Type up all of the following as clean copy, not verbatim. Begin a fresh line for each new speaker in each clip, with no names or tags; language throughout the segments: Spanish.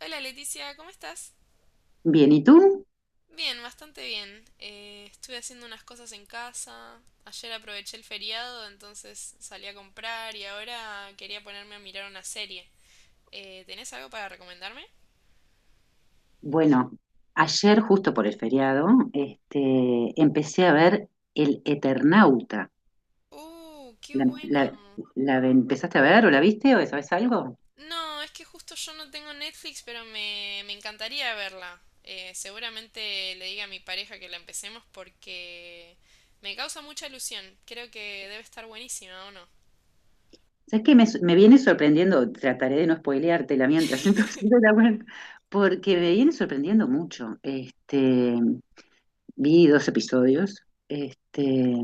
Hola Leticia, ¿cómo estás?
Bien, ¿y tú?
Bien, bastante bien. Estuve haciendo unas cosas en casa. Ayer aproveché el feriado, entonces salí a comprar y ahora quería ponerme a mirar una serie. ¿Tenés algo para recomendarme?
Bueno, ayer, justo por el feriado, empecé a ver El Eternauta.
¡Uh, qué
¿La,
bueno!
la- la empezaste a ver o la viste o sabes algo?
No, es que justo yo no tengo Netflix, pero me encantaría verla. Seguramente le diga a mi pareja que la empecemos porque me causa mucha ilusión. Creo que debe estar buenísima, ¿o no?
¿Sabes qué? Me viene sorprendiendo, trataré de no spoileártela mientras entonces no la ver, porque me viene sorprendiendo mucho. Vi dos episodios.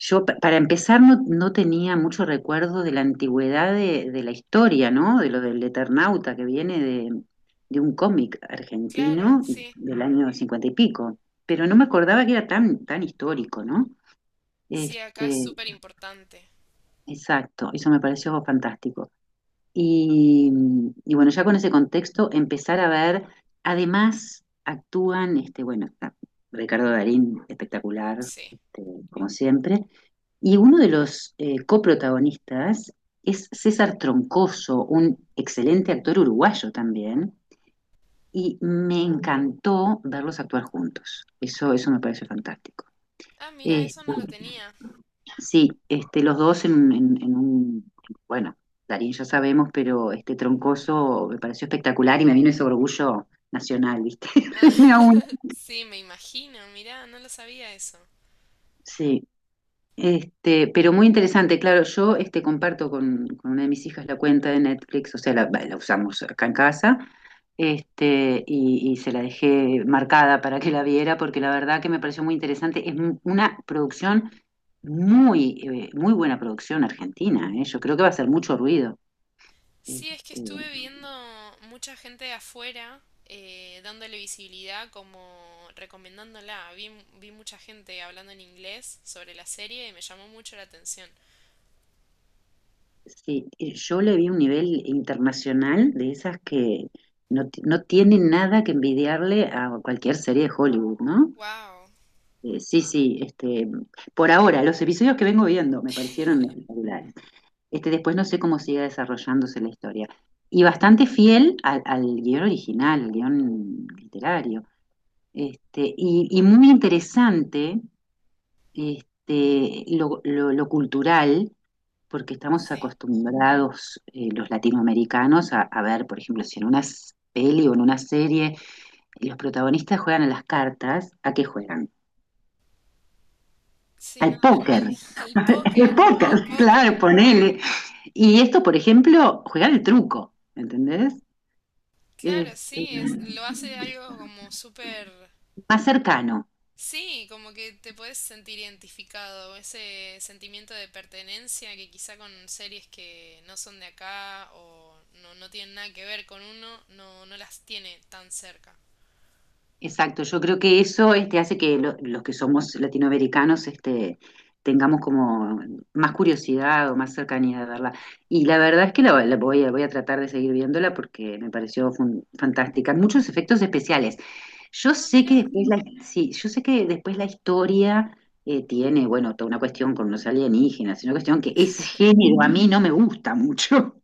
Yo, para empezar, no tenía mucho recuerdo de la antigüedad de la historia, ¿no? De lo del Eternauta, que viene de un cómic
Claro,
argentino
sí.
del año cincuenta y pico. Pero no me acordaba que era tan, tan histórico, ¿no?
Sí, acá es
Este,
súper importante.
exacto, eso me pareció fantástico. Y, y bueno, ya con ese contexto, empezar a ver, además actúan, bueno, está Ricardo Darín, espectacular,
Sí.
como siempre. Y uno de los coprotagonistas es César Troncoso, un excelente actor uruguayo también, y me encantó verlos actuar juntos. Eso me parece fantástico.
Ah, mira,
Este,
eso no lo tenía.
sí, los dos en, en un, bueno, Darín ya sabemos, pero este Troncoso me pareció espectacular y me vino ese orgullo nacional, ¿viste?
Ah,
Me aún-
sí, me imagino. Mira, no lo sabía eso.
Sí, pero muy interesante, claro, yo comparto con una de mis hijas la cuenta de Netflix, o sea, la usamos acá en casa, y se la dejé marcada para que la viera, porque la verdad que me pareció muy interesante. Es una producción muy, muy buena producción argentina, ¿eh? Yo creo que va a hacer mucho ruido. Este,
Sí, es que estuve viendo mucha gente de afuera dándole visibilidad, como recomendándola. Vi mucha gente hablando en inglés sobre la serie y me llamó mucho la atención.
sí y yo le vi un nivel internacional de esas que no, no tienen nada que envidiarle a cualquier serie de Hollywood, ¿no?
Wow.
Sí sí, por ahora, los episodios que vengo viendo me parecieron espectaculares. Después no sé cómo siga desarrollándose la historia. Y bastante fiel al guión original, al guión literario. Y muy interesante lo cultural, porque estamos
Sí.
acostumbrados los latinoamericanos a ver, por ejemplo, si en una peli o en una serie los protagonistas juegan a las cartas, ¿a qué juegan?
Sí, no,
Al póker.
al
El
póker, al
póker, claro,
póker.
ponele. Y esto, por ejemplo, jugar el truco, ¿entendés? Eh,
Claro, sí, es, lo hace algo como súper.
más cercano,
Sí, como que te puedes sentir identificado, ese sentimiento de pertenencia que quizá con series que no son de acá o no, no tienen nada que ver con uno, no, no las tiene tan cerca.
exacto. Yo creo que eso hace que los que somos latinoamericanos tengamos como más curiosidad o más cercanía de verla. Y la verdad es que la voy a tratar de seguir viéndola porque me pareció fantástica. Muchos efectos especiales. Yo
Ah,
sé
mira.
que después la, Sí, yo sé que después la historia tiene, bueno, toda una cuestión con los alienígenas, una cuestión que ese género a mí no me gusta mucho.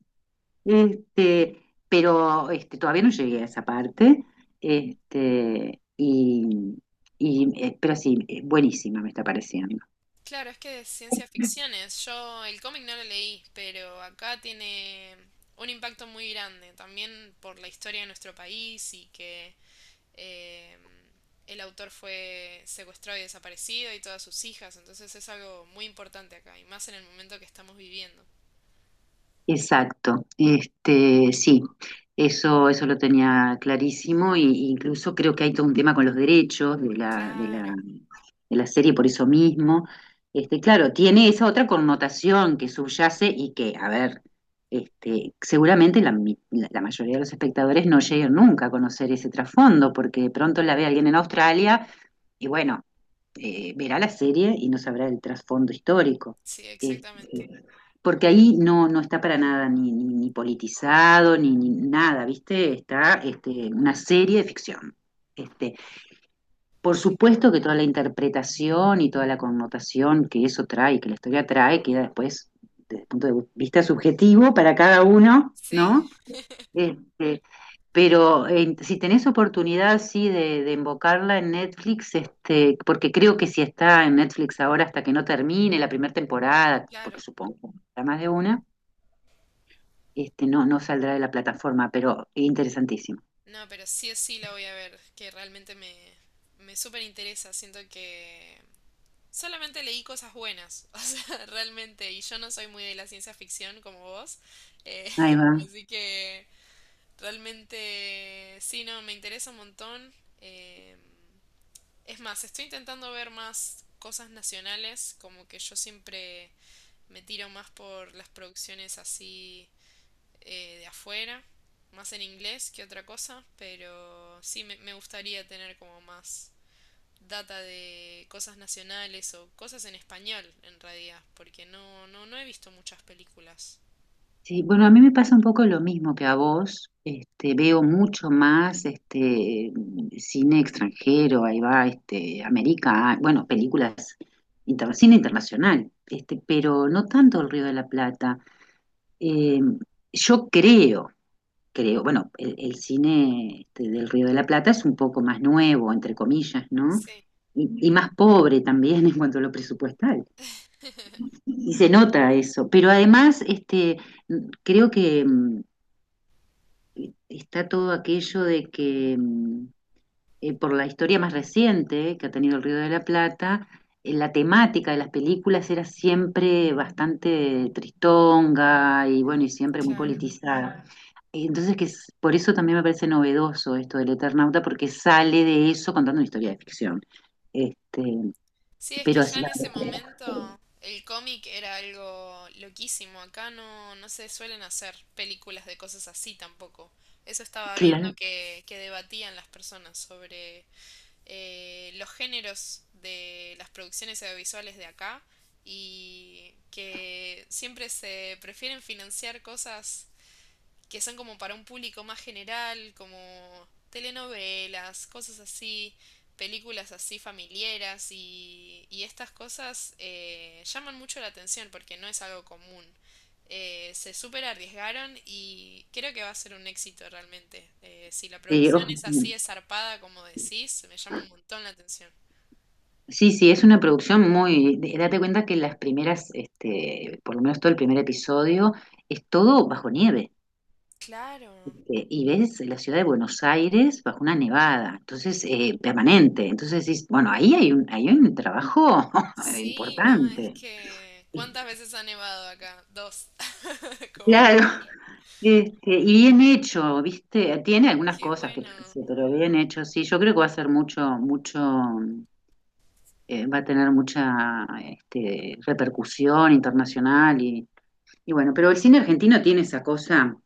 Este, pero todavía no llegué a esa parte. Este, y, y, pero sí, buenísima me está pareciendo.
Claro, es que de ciencia ficción es. Yo el cómic no lo leí, pero acá tiene un impacto muy grande, también por la historia de nuestro país y que eh, el autor fue secuestrado y desaparecido y todas sus hijas, entonces es algo muy importante acá, y más en el momento que estamos viviendo.
Exacto, sí, eso lo tenía clarísimo, e incluso creo que hay todo un tema con los derechos
Claro.
de la serie por eso mismo. Claro, tiene esa otra connotación que subyace y que, a ver, seguramente la mayoría de los espectadores no llegan nunca a conocer ese trasfondo, porque de pronto la ve alguien en Australia y bueno verá la serie y no sabrá el trasfondo histórico.
Sí, exactamente.
Este, Porque ahí no está para nada ni politizado, ni nada, ¿viste? Está una serie de ficción. Este, por supuesto que toda la interpretación y toda la connotación que eso trae, que la historia trae, queda después, desde el punto de vista subjetivo, para cada uno,
Sí,
¿no? Este, pero si tenés oportunidad, sí, de invocarla en Netflix, porque creo que si está en Netflix ahora hasta que no termine la primera temporada, porque
claro.
supongo que habrá más de una, no saldrá de la plataforma, pero interesantísimo.
No, pero sí o sí la voy a ver, que realmente me súper interesa. Siento que solamente leí cosas buenas, o sea, realmente, y yo no soy muy de la ciencia ficción como vos, eh,
Ahí va.
así que realmente sí, no, me interesa un montón. eh, Es más, estoy intentando ver más cosas nacionales, como que yo siempre me tiro más por las producciones así, de afuera, más en inglés que otra cosa, pero sí me gustaría tener como más data de cosas nacionales o cosas en español en realidad, porque no he visto muchas películas.
Sí, bueno, a mí me pasa un poco lo mismo que a vos. Veo mucho más cine extranjero, ahí va, América, bueno, películas, cine internacional, pero no tanto el Río de la Plata. Eh, yo creo, bueno, el cine del Río de la Plata es un poco más nuevo, entre comillas, ¿no?
Sí.
Y más pobre también en cuanto a lo presupuestal. Y se nota eso, pero además, creo que está todo aquello de que por la historia más reciente que ha tenido el Río de la Plata, la temática de las películas era siempre bastante tristonga y bueno, y
Mm,
siempre muy
claro.
politizada. Y entonces, que por eso también me parece novedoso esto del Eternauta, porque sale de eso contando una historia de ficción. Este,
Sí, es que
pero
ya
así
en
la
ese momento el cómic era algo loquísimo. Acá no se suelen hacer películas de cosas así tampoco. Eso estaba viendo
claro,
que debatían las personas sobre los géneros de las producciones audiovisuales de acá y que siempre se prefieren financiar cosas que son como para un público más general, como telenovelas, cosas así, películas así familiares y estas cosas llaman mucho la atención porque no es algo común. Se súper arriesgaron y creo que va a ser un éxito realmente. Si la
sí, ojo,
producción es así, es zarpada, como decís, me llama un montón la atención.
sí, sí, es una producción muy Date cuenta que las primeras, por lo menos todo el primer episodio, es todo bajo nieve.
Claro.
Y ves la ciudad de Buenos Aires bajo una nevada, entonces, permanente. Entonces decís, bueno, ahí hay un trabajo
Sí, no, es
importante.
que… ¿Cuántas veces ha nevado acá? Dos. Como,
Claro. Y bien hecho, ¿viste? Tiene algunas
qué
cosas que,
bueno.
yo pero bien hecho, sí. Yo creo que va a ser va a tener mucha repercusión internacional. Y bueno, pero el cine argentino tiene esa cosa,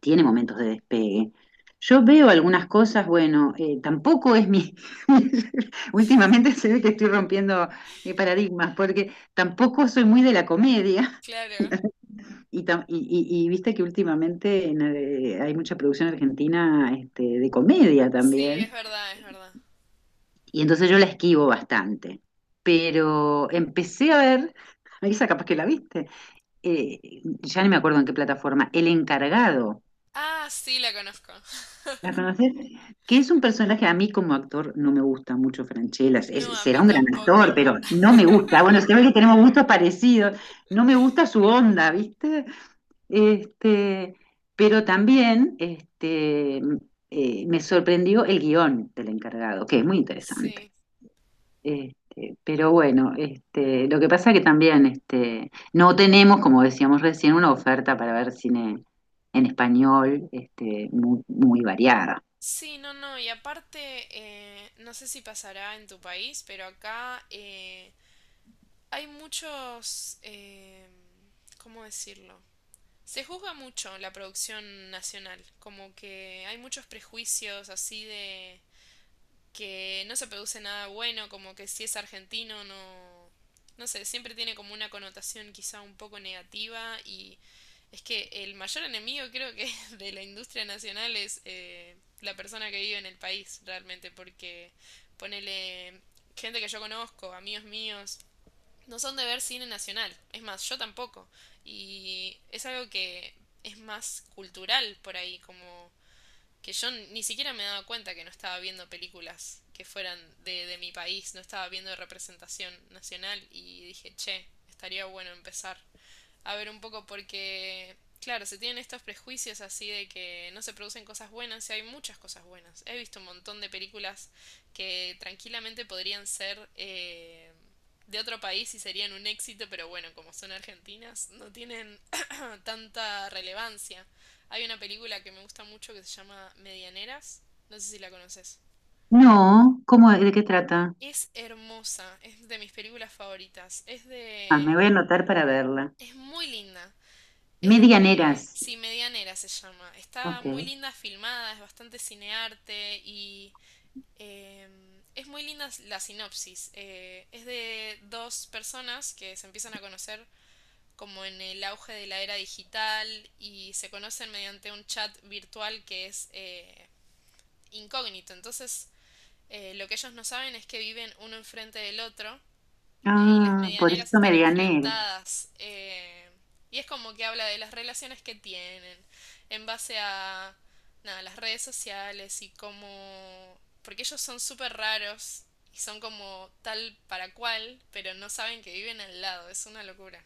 tiene momentos de despegue. Yo veo algunas cosas, bueno, tampoco es mi... Últimamente se ve que estoy rompiendo paradigmas, porque tampoco soy muy de la comedia.
Claro.
Y viste que últimamente hay mucha producción argentina de comedia
Sí,
también.
es verdad, es verdad.
Y entonces yo la esquivo bastante. Pero empecé a ver, Marisa, capaz que la viste, eh, ya ni me acuerdo en qué plataforma, El Encargado.
Ah, sí, la conozco.
¿La conoces? Que es un personaje, a mí como actor no me gusta mucho Francella.
No, a
Será
mí
un gran
tampoco.
actor, pero no me gusta. Bueno, se ve que tenemos gustos parecidos. No me gusta su onda, ¿viste? Este, pero también me sorprendió el guión del encargado, que es muy interesante.
Sí.
Pero bueno, lo que pasa que también no tenemos, como decíamos recién, una oferta para ver cine en español muy, muy variada.
Sí, no, no. Y aparte, no sé si pasará en tu país, pero acá hay muchos… ¿cómo decirlo? Se juzga mucho la producción nacional, como que hay muchos prejuicios así de… que no se produce nada bueno, como que si es argentino no, no sé, siempre tiene como una connotación quizá un poco negativa y es que el mayor enemigo creo que de la industria nacional es la persona que vive en el país realmente, porque ponele gente que yo conozco, amigos míos, no son de ver cine nacional, es más, yo tampoco, y es algo que es más cultural por ahí, como que yo ni siquiera me daba cuenta que no estaba viendo películas que fueran de mi país, no estaba viendo representación nacional y dije, che, estaría bueno empezar a ver un poco porque, claro, se tienen estos prejuicios así de que no se producen cosas buenas y hay muchas cosas buenas. He visto un montón de películas que tranquilamente podrían ser de otro país y serían un éxito, pero bueno, como son argentinas, no tienen tanta relevancia. Hay una película que me gusta mucho que se llama Medianeras, no sé si la conoces.
No, ¿cómo, de qué trata?
Es hermosa, es de mis películas favoritas, es
Ah, me
de…
voy a anotar para verla.
es muy linda. Es de,
Medianeras.
sí, Medianera se llama. Está
Ok.
muy linda filmada, es bastante cinearte y eh, es muy linda la sinopsis. Es de dos personas que se empiezan a conocer como en el auge de la era digital y se conocen mediante un chat virtual que es incógnito. Entonces, lo que ellos no saben es que viven uno enfrente del otro, y las
Ah, por eso
medianeras están
medianera.
enfrentadas. Y es como que habla de las relaciones que tienen en base a nada, las redes sociales y cómo… Porque ellos son súper raros y son como tal para cual, pero no saben que viven al lado. Es una locura.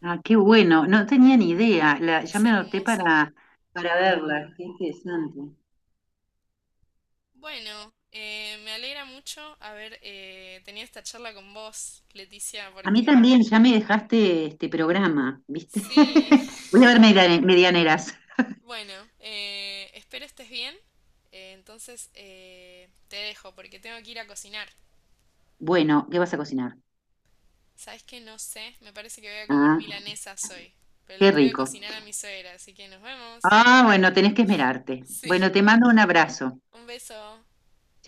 Ah, qué bueno. No tenía ni idea. Ya
Es
me anoté
hermosa.
para verla. Qué interesante.
Bueno, me alegra mucho haber tenido esta charla con vos, Leticia,
A mí también
porque
ya me dejaste este programa, ¿viste?
sí.
Voy a ver medianeras.
Bueno, espero estés bien. Entonces te dejo porque tengo que ir a cocinar.
Bueno, ¿qué vas a cocinar?
¿Sabes qué? No sé. Me parece que voy a comer
Ah,
milanesas hoy. Pero le
qué
tengo que
rico.
cocinar a mi suegra, así que nos vemos.
Ah, bueno, tenés que esmerarte.
Sí,
Bueno, te mando un abrazo.
un beso.